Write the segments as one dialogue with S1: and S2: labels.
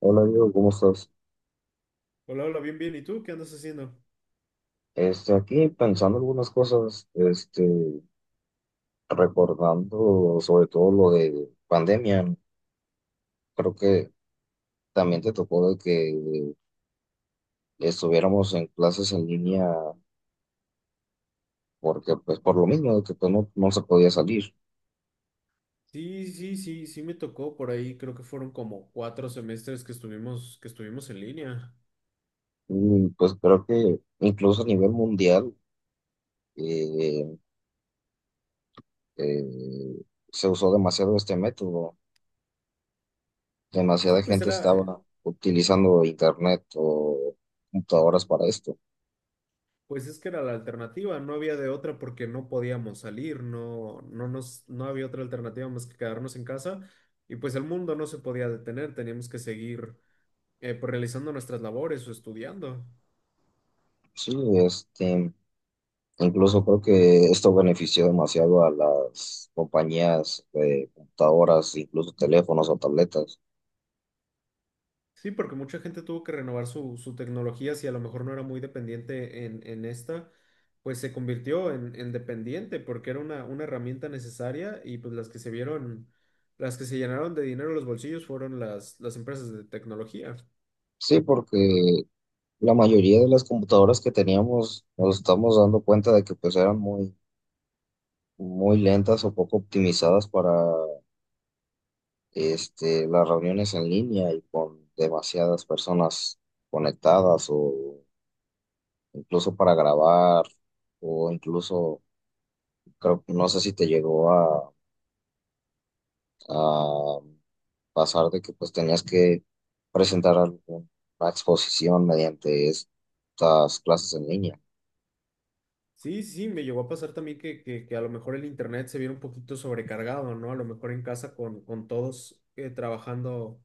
S1: Hola Diego, ¿cómo estás?
S2: Hola, hola, bien, bien. ¿Y tú qué andas haciendo?
S1: Aquí pensando algunas cosas, recordando sobre todo lo de pandemia, creo que también te tocó de que estuviéramos en clases en línea porque pues por lo mismo de que pues, no, no se podía salir.
S2: Sí, sí, sí, sí me tocó por ahí. Creo que fueron como cuatro semestres que estuvimos, en línea.
S1: Y pues creo que incluso a nivel mundial eh, eh, se usó demasiado este método,
S2: Sí,
S1: demasiada
S2: pues
S1: gente
S2: era,
S1: estaba utilizando internet o computadoras para esto.
S2: pues es que era la alternativa. No había de otra porque no podíamos salir. No, no había otra alternativa más que quedarnos en casa. Y pues el mundo no se podía detener. Teníamos que seguir, pues realizando nuestras labores o estudiando.
S1: Sí, este. Incluso creo que esto benefició demasiado a las compañías de computadoras, incluso teléfonos o tabletas.
S2: Sí, porque mucha gente tuvo que renovar su tecnología, si a lo mejor no era muy dependiente en esta, pues se convirtió en dependiente porque era una herramienta necesaria y pues las que se llenaron de dinero los bolsillos fueron las empresas de tecnología.
S1: Sí, porque la mayoría de las computadoras que teníamos nos estamos dando cuenta de que pues eran muy, muy lentas o poco optimizadas para las reuniones en línea y con demasiadas personas conectadas o incluso para grabar o incluso, creo, no sé si te llegó a a pasar de que pues tenías que presentar alguna exposición mediante estas clases en línea.
S2: Sí, sí, sí, me llegó a pasar también que a lo mejor el internet se viera un poquito sobrecargado, ¿no? A lo mejor en casa con todos trabajando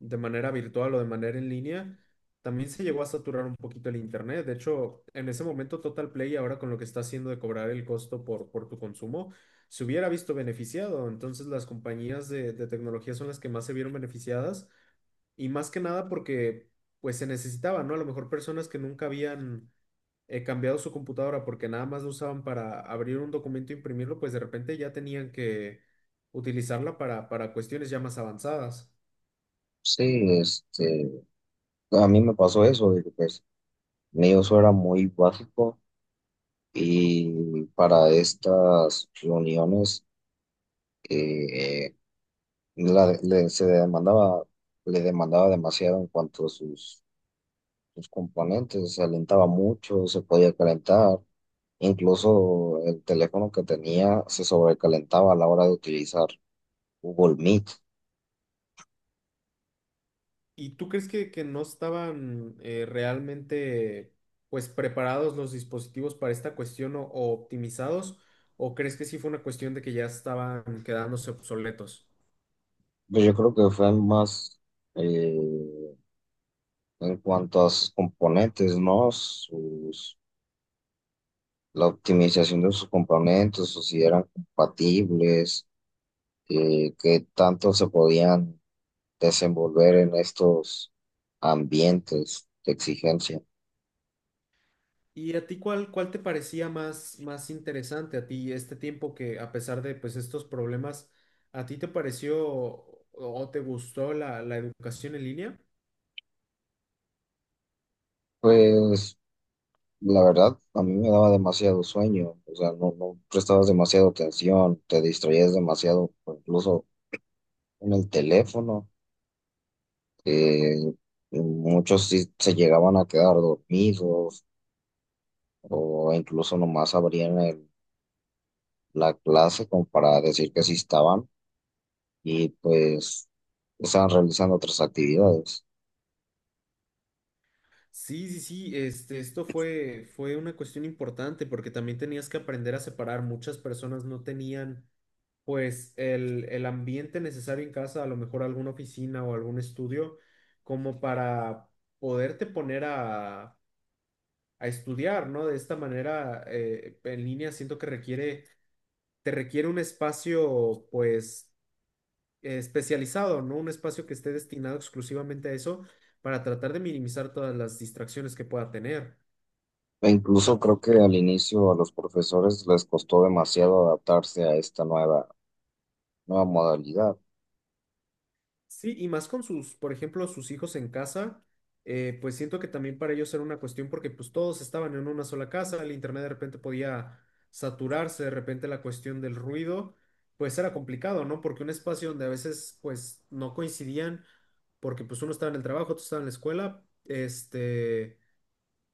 S2: de manera virtual o de manera en línea, también se llegó a saturar un poquito el internet. De hecho, en ese momento Total Play, ahora con lo que está haciendo de cobrar el costo por tu consumo, se hubiera visto beneficiado. Entonces, las compañías de tecnología son las que más se vieron beneficiadas y más que nada porque pues se necesitaban, ¿no? A lo mejor personas que nunca habían cambiado su computadora porque nada más lo usaban para abrir un documento e imprimirlo, pues de repente ya tenían que utilizarla para cuestiones ya más avanzadas.
S1: Sí, este, a mí me pasó eso, de que pues mi uso era muy básico y para estas reuniones eh, se demandaba, le demandaba demasiado en cuanto a sus los componentes, se alentaba mucho, se podía calentar, incluso el teléfono que tenía se sobrecalentaba a la hora de utilizar Google Meet.
S2: ¿Y tú crees que no estaban realmente pues preparados los dispositivos para esta cuestión o optimizados? ¿O crees que sí fue una cuestión de que ya estaban quedándose obsoletos?
S1: Pues yo creo que fue más eh, en cuanto a sus componentes, ¿no? Sus, la optimización de sus componentes, o si eran compatibles, qué tanto se podían desenvolver en estos ambientes de exigencia.
S2: ¿Y a ti cuál te parecía más interesante a ti este tiempo que a pesar de pues estos problemas, a ti te pareció o te gustó la educación en línea?
S1: Pues. La verdad, a mí me daba demasiado sueño, o sea, no, no prestabas demasiado atención, te distraías demasiado, o incluso en el teléfono, eh, muchos sí se llegaban a quedar dormidos o incluso nomás la clase como para decir que sí estaban y pues estaban realizando otras actividades.
S2: Sí, sí, sí, este, esto fue, fue una cuestión importante porque también tenías que aprender a separar. Muchas personas no tenían pues el ambiente necesario en casa, a lo mejor alguna oficina o algún estudio, como para poderte poner a estudiar, ¿no? De esta manera, en línea siento que requiere, te requiere un espacio, pues, especializado, ¿no? Un espacio que esté destinado exclusivamente a eso para tratar de minimizar todas las distracciones que pueda tener.
S1: E incluso creo que al inicio a los profesores les costó demasiado adaptarse a esta nueva modalidad.
S2: Sí, y más con sus, por ejemplo, sus hijos en casa, pues siento que también para ellos era una cuestión porque pues todos estaban en una sola casa, el internet de repente podía saturarse, de repente la cuestión del ruido, pues era complicado, ¿no? Porque un espacio donde a veces pues no coincidían, porque pues uno estaba en el trabajo, otro estaba en la escuela, este,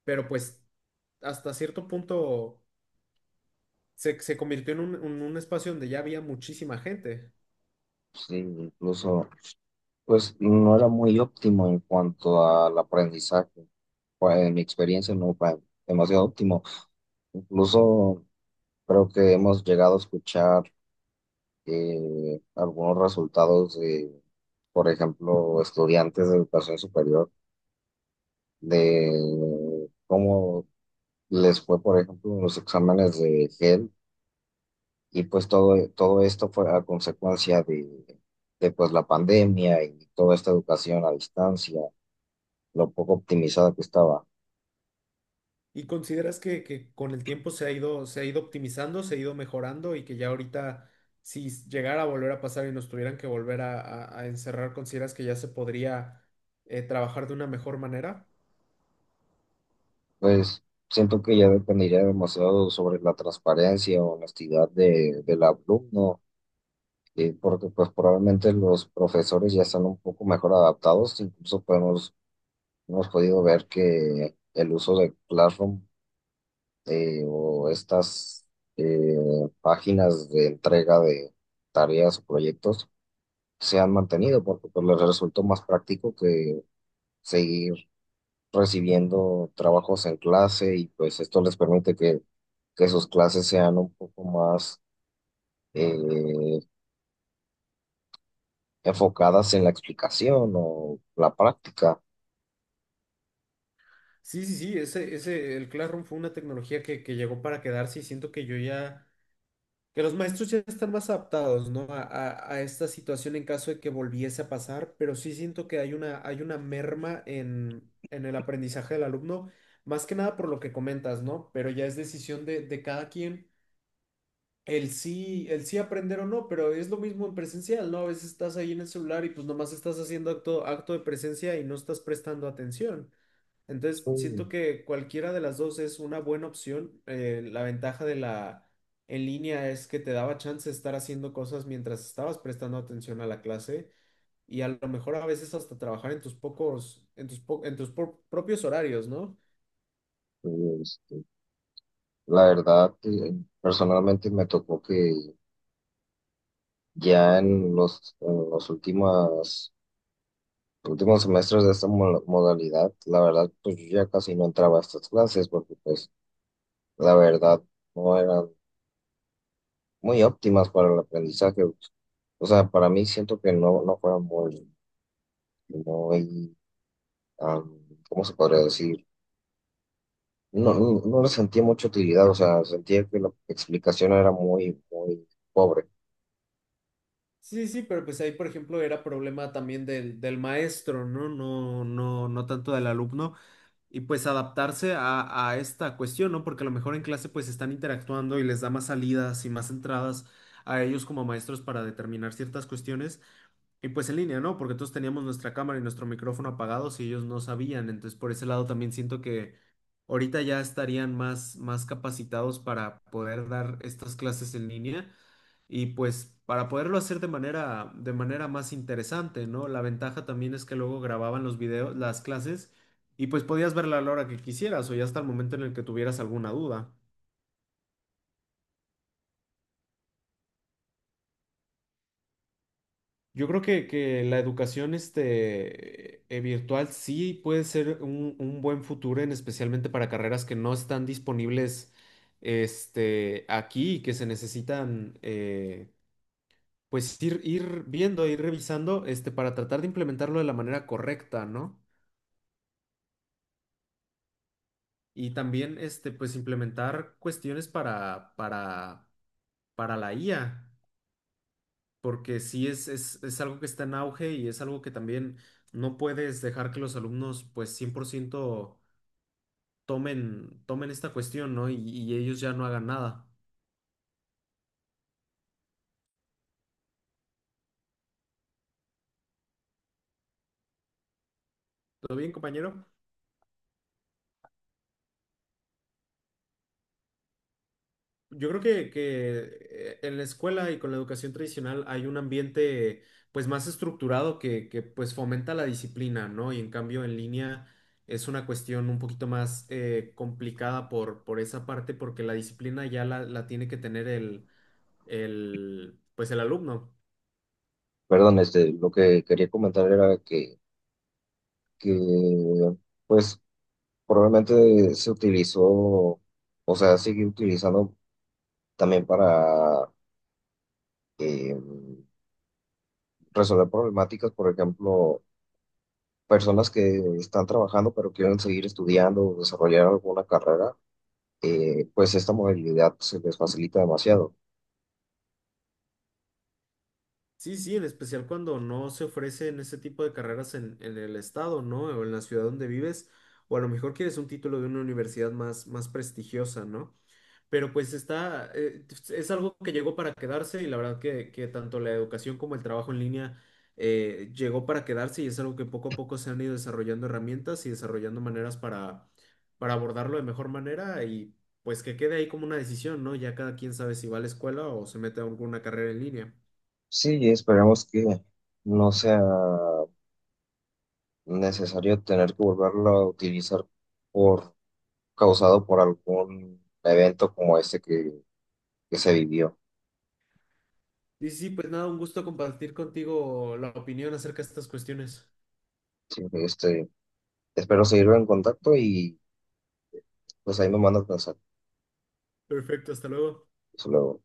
S2: pero pues hasta cierto punto se convirtió en un espacio donde ya había muchísima gente.
S1: Sí, incluso pues no era muy óptimo en cuanto al aprendizaje. Pues, en mi experiencia no fue demasiado óptimo. Incluso creo que hemos llegado a escuchar algunos resultados de, por ejemplo, estudiantes de educación superior, de cómo les fue, por ejemplo, en los exámenes de GEL. Y pues todo, todo esto fue a consecuencia de pues, la pandemia y toda esta educación a distancia, lo poco optimizada que estaba.
S2: ¿Y consideras que con el tiempo se ha ido optimizando, se ha ido mejorando y que ya ahorita, si llegara a volver a pasar y nos tuvieran que volver a encerrar, consideras que ya se podría trabajar de una mejor manera?
S1: Pues siento que ya dependería demasiado sobre la transparencia o honestidad de, del alumno, porque pues probablemente los profesores ya están un poco mejor adaptados, incluso hemos podido ver que el uso de Classroom o estas eh, páginas de entrega de tareas o proyectos se han mantenido, porque pues les resultó más práctico que seguir recibiendo trabajos en clase y pues esto les permite que sus clases sean un poco más eh, enfocadas en la explicación o la práctica.
S2: Sí, sí, sí, el Classroom fue una tecnología que llegó para quedarse y siento que yo ya Que los maestros ya están más adaptados, ¿no? A esta situación en caso de que volviese a pasar, pero sí siento que hay una merma en el aprendizaje del alumno, más que nada por lo que comentas, ¿no? Pero ya es decisión de cada quien el sí aprender o no, pero es lo mismo en presencial, ¿no? A veces estás ahí en el celular y pues nomás estás haciendo acto de presencia y no estás prestando atención. Entonces,
S1: Sí,
S2: siento que cualquiera de las dos es una buena opción. La ventaja de la en línea es que te daba chance de estar haciendo cosas mientras estabas prestando atención a la clase y a lo mejor a veces hasta trabajar en tus pocos, en tus po- en tus pro- propios horarios, ¿no?
S1: este, la verdad, personalmente me tocó que ya en los últimos semestres de esta modalidad, la verdad, pues yo ya casi no entraba a estas clases porque pues la verdad no eran muy óptimas para el aprendizaje. O sea, para mí siento que no, no fueron muy, muy, am, ¿cómo se podría decir? No, no, no le sentía mucha utilidad, o sea, sentía que la explicación era muy, muy pobre.
S2: Sí, sí, pero pues ahí, por ejemplo, era problema también del maestro, ¿no? No, no, no tanto del alumno. Y pues adaptarse a esta cuestión, ¿no? Porque a lo mejor en clase pues están interactuando y les da más salidas y más entradas a ellos como maestros para determinar ciertas cuestiones. Y pues en línea, ¿no? Porque todos teníamos nuestra cámara y nuestro micrófono apagados y ellos no sabían. Entonces, por ese lado también siento que ahorita ya estarían más capacitados para poder dar estas clases en línea. Y pues para poderlo hacer de manera más interesante, ¿no? La ventaja también es que luego grababan los videos, las clases, y pues podías verla a la hora que quisieras o ya hasta el momento en el que tuvieras alguna duda. Yo creo que la educación virtual sí puede ser un buen futuro, en especialmente para carreras que no están disponibles este, aquí y que se necesitan pues ir viendo, e ir revisando este, para tratar de implementarlo de la manera correcta, ¿no? Y también, este, pues implementar cuestiones para la IA, porque sí es algo que está en auge y es algo que también no puedes dejar que los alumnos, pues 100% tomen esta cuestión, ¿no? Y ellos ya no hagan nada. ¿Todo bien, compañero? Yo creo que en la escuela y con la educación tradicional hay un ambiente pues más estructurado que pues fomenta la disciplina, ¿no? Y en cambio en línea es una cuestión un poquito más complicada por esa parte porque la disciplina ya la tiene que tener el, el alumno.
S1: Perdón, lo que quería comentar era que, pues, probablemente se utilizó, o sea, sigue utilizando también para eh, resolver problemáticas, por ejemplo, personas que están trabajando pero quieren seguir estudiando o desarrollar alguna carrera, pues esta modalidad se les facilita demasiado.
S2: Sí, sí, en especial cuando no se ofrecen ese tipo de carreras en el estado, ¿no? O en la ciudad donde vives, o a lo mejor quieres un título de una universidad más prestigiosa, ¿no? Pero pues pues, es algo que llegó para quedarse y la verdad que tanto la educación como el trabajo en línea llegó para quedarse y es algo que poco a poco se han ido desarrollando herramientas y desarrollando maneras para abordarlo de mejor manera y pues que quede ahí como una decisión, ¿no? Ya cada quien sabe si va a la escuela o se mete a alguna carrera en línea.
S1: Sí, esperemos que no sea necesario tener que volverlo a utilizar por causado por algún evento como este que se vivió.
S2: Y sí, pues nada, un gusto compartir contigo la opinión acerca de estas cuestiones.
S1: Sí, espero seguirlo en contacto y pues ahí me mandas mensaje.
S2: Perfecto, hasta luego.
S1: Hasta luego.